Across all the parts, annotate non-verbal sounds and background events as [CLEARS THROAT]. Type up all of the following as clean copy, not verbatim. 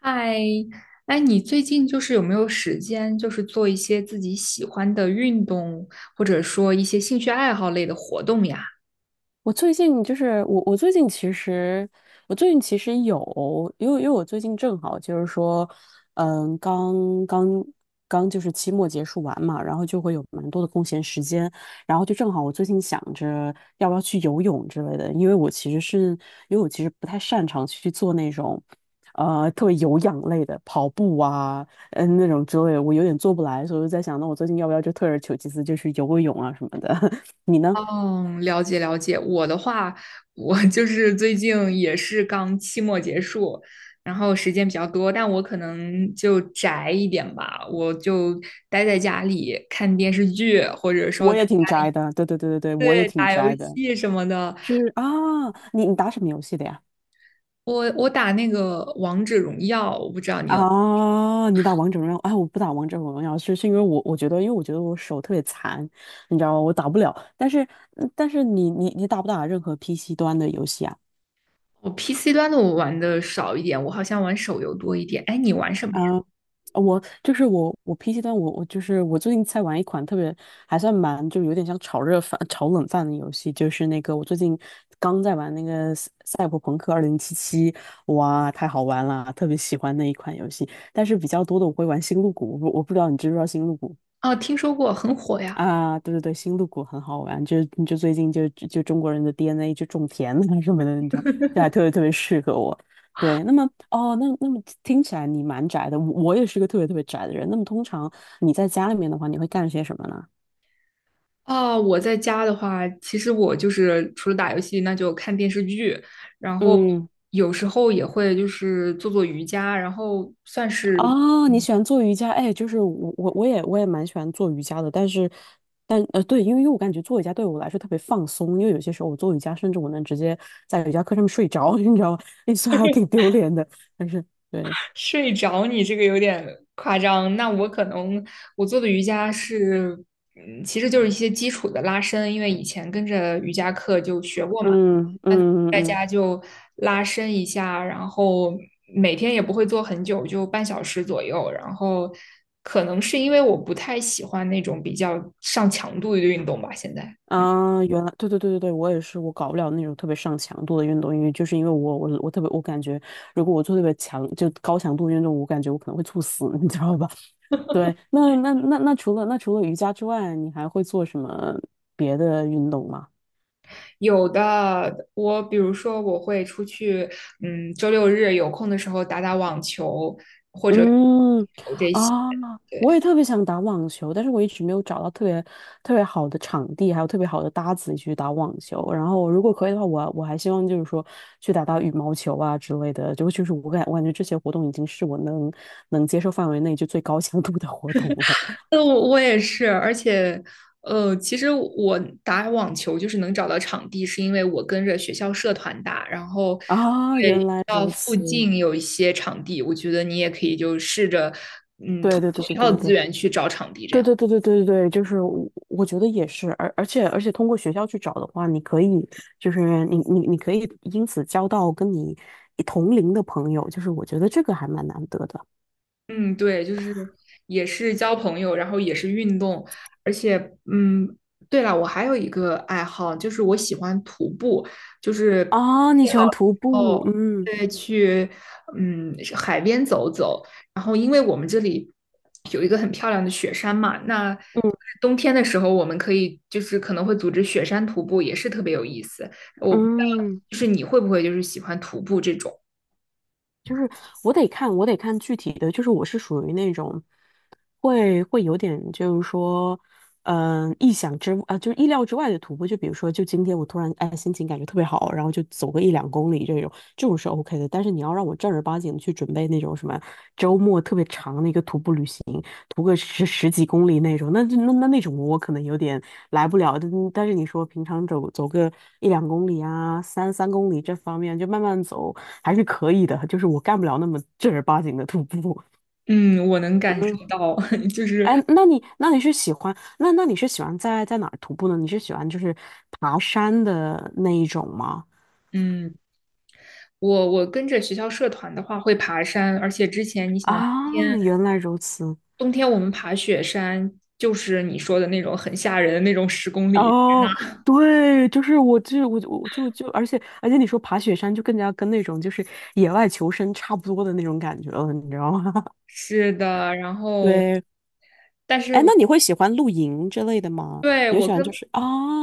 嗨，哎，你最近就是有没有时间，就是做一些自己喜欢的运动，或者说一些兴趣爱好类的活动呀？我最近就是我最近其实，我最近其实有，因为我最近正好就是说，嗯，刚刚刚就是期末结束完嘛，然后就会有蛮多的空闲时间，然后就正好我最近想着要不要去游泳之类的，因为我其实是，因为我其实不太擅长去做那种，特别有氧类的跑步啊，那种之类的我有点做不来，所以我就在想，那我最近要不要就退而求其次，就去游个泳啊什么的。[LAUGHS] 你呢？嗯，了解了解。我的话，我 [LAUGHS] 就是最近也是刚期末结束，然后时间比较多，但我可能就宅一点吧，我就待在家里看电视剧，或者我说 [LAUGHS] 在也挺宅的，对对对对对，我也对挺打游宅的。戏什么的。是啊，你打什么游戏的呀？我打那个王者荣耀，我不知道你有。啊，你打王者荣耀？哎，我不打王者荣耀，是因为我觉得，因为我觉得我手特别残，你知道吗？我打不了。但是你打不打任何 PC 端的游戏啊？我 PC 端的我玩的少一点，我好像玩手游多一点。哎，你玩什么呀？啊，我就是我 PC 端我就是我最近在玩一款特别还算蛮就有点像炒热饭、炒冷饭的游戏，就是那个我最近刚在玩那个《赛博朋克二零七七》，哇，太好玩了，特别喜欢那一款游戏。但是比较多的我会玩《星露谷》，我不知道你知不知道《星露谷》。啊，听说过，很火呀。啊，对对对，星露谷很好玩，就最近就中国人的 DNA 就种田啊什么的，你知道，这还特别特别适合我。对，那么哦，那么听起来你蛮宅的，我也是个特别特别宅的人。那么通常你在家里面的话，你会干些什么呢？哦，我在家的话，其实我就是除了打游戏，那就看电视剧，然后嗯。有时候也会就是做做瑜伽，然后算是。哦，你喜欢做瑜伽？哎，就是我也蛮喜欢做瑜伽的，但是但呃对，因为我感觉做瑜伽对我来说特别放松，因为有些时候我做瑜伽，甚至我能直接在瑜伽课上面睡着，[LAUGHS] 你知道吗？[LAUGHS] 那算还挺丢脸的，但是对。睡着你这个有点夸张。那我可能我做的瑜伽是，其实就是一些基础的拉伸，因为以前跟着瑜伽课就学过嘛。嗯那嗯嗯在嗯。家就拉伸一下，然后每天也不会做很久，就半小时左右。然后可能是因为我不太喜欢那种比较上强度的运动吧，现在。嗯。啊，原来对对对对对，我也是，我搞不了那种特别上强度的运动，因为我特别我感觉，如果我做特别高强度运动，我感觉我可能会猝死，[LAUGHS] 你知道吧？[LAUGHS] 对，那那那那除了那除了瑜伽之外，你还会做什么别的运动吗？有的，我比如说我会出去，周六日有空的时候打打网球或者嗯。这些，啊，我也对。特别想打网球，但是我一直没有找到特别特别好的场地，还有特别好的搭子去打网球。然后如果可以的话，我还希望就是说去打打羽毛球啊之类的。就是我感觉这些活动已经是我能接受范围内就最高强度的活动了。[LAUGHS] 那我也是，而且，其实我打网球就是能找到场地，是因为我跟着学校社团打，然后啊，对原学来校如附此。近有一些场地，我觉得你也可以就试着，对通对对过学对校对的资对源去找场地这对样。对对对对对对，就是我觉得也是，而且通过学校去找的话，你可以你可以因此交到跟你同龄的朋友，就是我觉得这个还蛮难得的。嗯，对，就是也是交朋友，然后也是运动，而且嗯，对了，我还有一个爱好，就是我喜欢徒步，就是天哦，你气喜好欢的徒时步，候，嗯对，去海边走走，然后因为我们这里有一个很漂亮的雪山嘛，那嗯冬天的时候我们可以就是可能会组织雪山徒步，也是特别有意思。我不知道，嗯。就是你会不会就是喜欢徒步这种？就是我得看具体的，就是我是属于那种会有点，就是说，嗯、意想之啊、就是意料之外的徒步。就比如说，就今天我突然哎心情感觉特别好，然后就走个一两公里这种，这种是 OK 的。但是你要让我正儿八经地去准备那种什么周末特别长的一个徒步旅行，徒个十几公里那种，那种我可能有点。来不了，但是你说平常走一两公里啊，三公里这方面就慢慢走还是可以的，就是我干不了那么正儿八经的徒步。嗯，我能 [LAUGHS] 感嗯，受到，[LAUGHS] 就是。哎，那你是喜欢在哪儿徒步呢？你是喜欢就是爬山的那一种吗？嗯，我跟着学校社团的话会爬山，而且之前你想，冬啊，天原来如此。冬天我们爬雪山，就是你说的那种很吓人的那种10公里。哦，对，就是我，而且你说爬雪山就更加跟那种就是野外求生差不多的那种感觉了，你知道吗？是的，然 [LAUGHS] 后对，但是哎，那我你会喜欢露营之类的吗？对你会我喜欢跟就是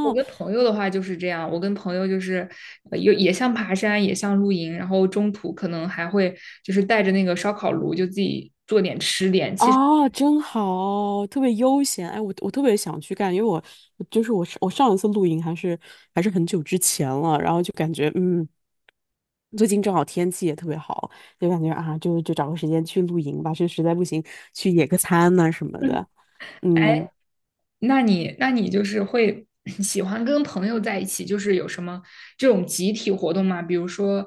我跟朋友的话就是这样，我跟朋友就是又也像爬山，也像露营，然后中途可能还会就是带着那个烧烤炉，就自己做点吃点。其实 啊，真好，特别悠闲。哎，我特别想去干，因为我就是我我上一次露营还是很久之前了，然后就感觉最近正好天气也特别好，就感觉啊，就找个时间去露营吧，就实在不行去野个餐呐、什么的。[LAUGHS] 嗯。那你就是会 [CLEARS THROAT] 喜欢跟朋友在一起，就是有什么这种集体活动吗？比如说，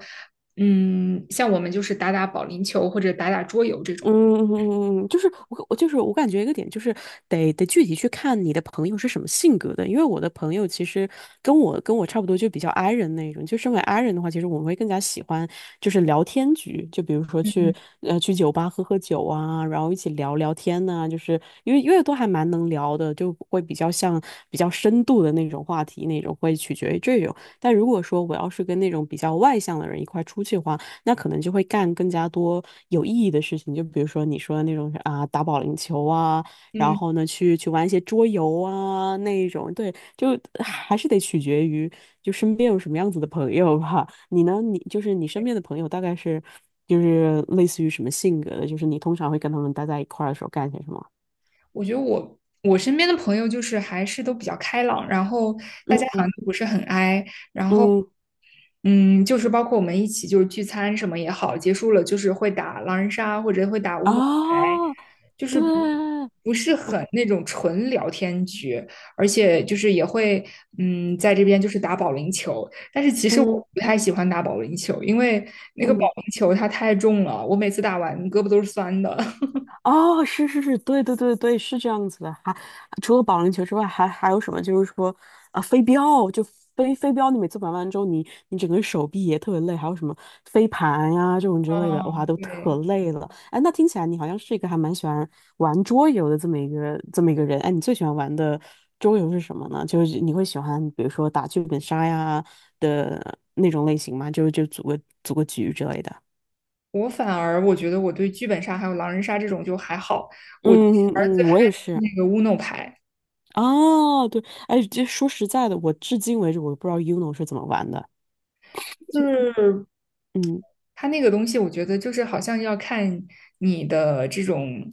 像我们就是打打保龄球或者打打桌游这种。嗯就是我就是我感觉一个点就是得具体去看你的朋友是什么性格的，因为我的朋友其实跟我差不多，就比较 i 人那种。就身为 i 人的话，其实我们会更加喜欢就是聊天局，就比如说去酒吧喝喝酒啊，然后一起聊聊天呐、就是因为都还蛮能聊的，就会比较深度的那种话题那种，会取决于这种。但如果说我要是跟那种比较外向的人一块出去的话，那可能就会干更加多有意义的事情，就比如说你说的那种啊，打保龄球啊，然嗯，后呢，去玩一些桌游啊那一种，对，就还是得取决于就身边有什么样子的朋友吧。你呢，你就是你身边的朋友大概是就是类似于什么性格的，就是你通常会跟他们待在一块儿的时候干些什么？我觉得我身边的朋友就是还是都比较开朗，然后大家嗯好嗯像都不是很 i，嗯嗯，就是包括我们一起就是聚餐什么也好，结束了就是会打狼人杀或者会打乌龙牌，啊，就是不对，不是很那种纯聊天局，而且就是也会在这边就是打保龄球，但是其实嗯我不太喜欢打保龄球，因为那个保嗯龄球它太重了，我每次打完胳膊都是酸的。[LAUGHS] 哦，是是是，对对对对，是这样子的。还除了保龄球之外，还有什么？就是说，啊，飞镖，就飞镖，你每次玩完之后，你整个手臂也特别累。还有什么飞盘呀、这种之类的，哇，嗯，都可对。累了。哎，那听起来你好像是一个还蛮喜欢玩桌游的这么一个人。哎，你最喜欢玩的桌游是什么呢？就是你会喜欢，比如说打剧本杀呀的那种类型吗？就组个局之类的。我反而我觉得我对剧本杀还有狼人杀这种就还好，我其实嗯而最嗯，嗨我也的是是。那个乌诺牌，哦，对，哎，这说实在的，我至今为止我都不知道 Uno 是怎么玩的。就是嗯它那个东西，我觉得就是好像要看你的这种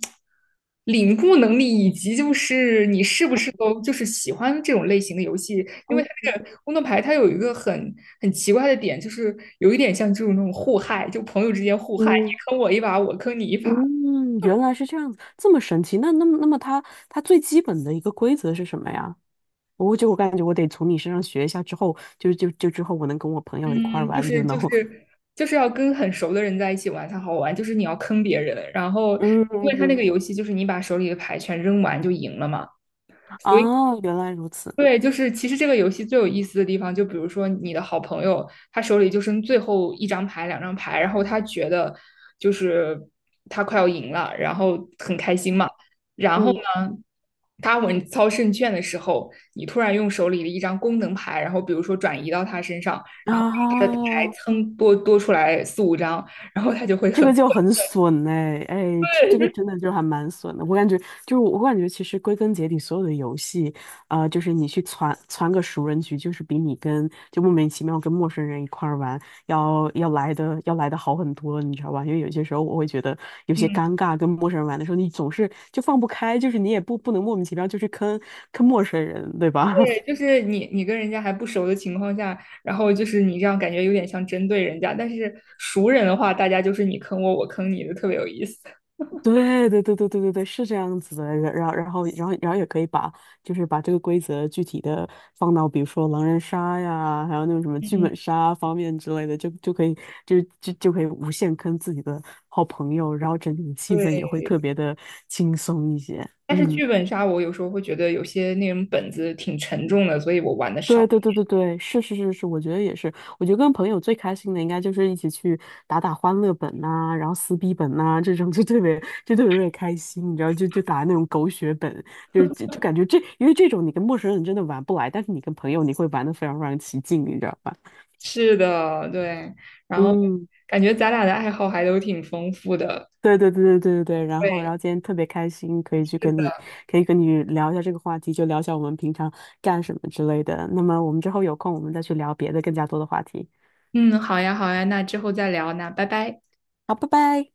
领悟能力，以及就是你是不是都就是喜欢这种类型的游戏。因为嗯它这个工作牌，它有一个很奇怪的点，就是有一点像这种那种互害，就朋友之间互害，嗯，你坑我一把，我坑你一把。嗯，原来是这样子，这么神奇。那么它最基本的一个规则是什么呀？我感觉我得从你身上学一下，之后我能跟我朋友一块儿嗯，就玩 u 是 n o 就 w 是就是要跟很熟的人在一起玩才好玩，就是你要坑别人，然后因为他那嗯，个游戏就是你把手里的牌全扔完就赢了嘛。所以。哦，原来如此。对，就是其实这个游戏最有意思的地方，就比如说你的好朋友，他手里就剩最后一张牌、两张牌，然后他觉得就是他快要赢了，然后很开心嘛。然后嗯，呢，他稳操胜券的时候，你突然用手里的一张功能牌，然后比如说转移到他身上，然后他的牌啊。蹭多多出来四五张，然后他就会这很个就很损哎哎，这个真的就还蛮损的。我感觉，其实归根结底，所有的游戏，啊，就是你去攒个熟人局，就是比你跟就莫名其妙跟陌生人一块儿玩要来的好很多，你知道吧？因为有些时候我会觉得有些尴尬，跟陌生人玩的时候，你总是就放不开，就是你也不能莫名其妙就去坑陌生人，对吧？[LAUGHS] 对，就是你跟人家还不熟的情况下，然后就是你这样感觉有点像针对人家，但是熟人的话，大家就是你坑我，我坑你的，特别有意思。对对对对对对对，是这样子的。然后也可以把就是把这个规则具体的放到比如说狼人杀呀，还有那种什么剧嗯，本杀方面之类的，就可以无限坑自己的好朋友，然后整体的气氛也对，会特别的轻松一些。但是嗯。剧本杀我有时候会觉得有些那种本子挺沉重的，所以我玩的少。对对对对对，是是是是，我觉得也是。我觉得跟朋友最开心的应该就是一起去打打欢乐本呐、然后撕逼本呐、这种就特别就特别特别开心，你知道，就打那种狗血本，就是感觉这因为这种你跟陌生人真的玩不来，但是你跟朋友你会玩的非常非常起劲，你知道吧？是的，对，然后嗯，感觉咱俩的爱好还都挺丰富的。对对对对对对对。然后然对，后今天特别开心，可以跟你聊一下这个话题，就聊一下我们平常干什么之类的。那么我们之后有空我们再去聊别的更加多的话题。嗯，好呀，好呀，那之后再聊，那拜拜。好，拜拜。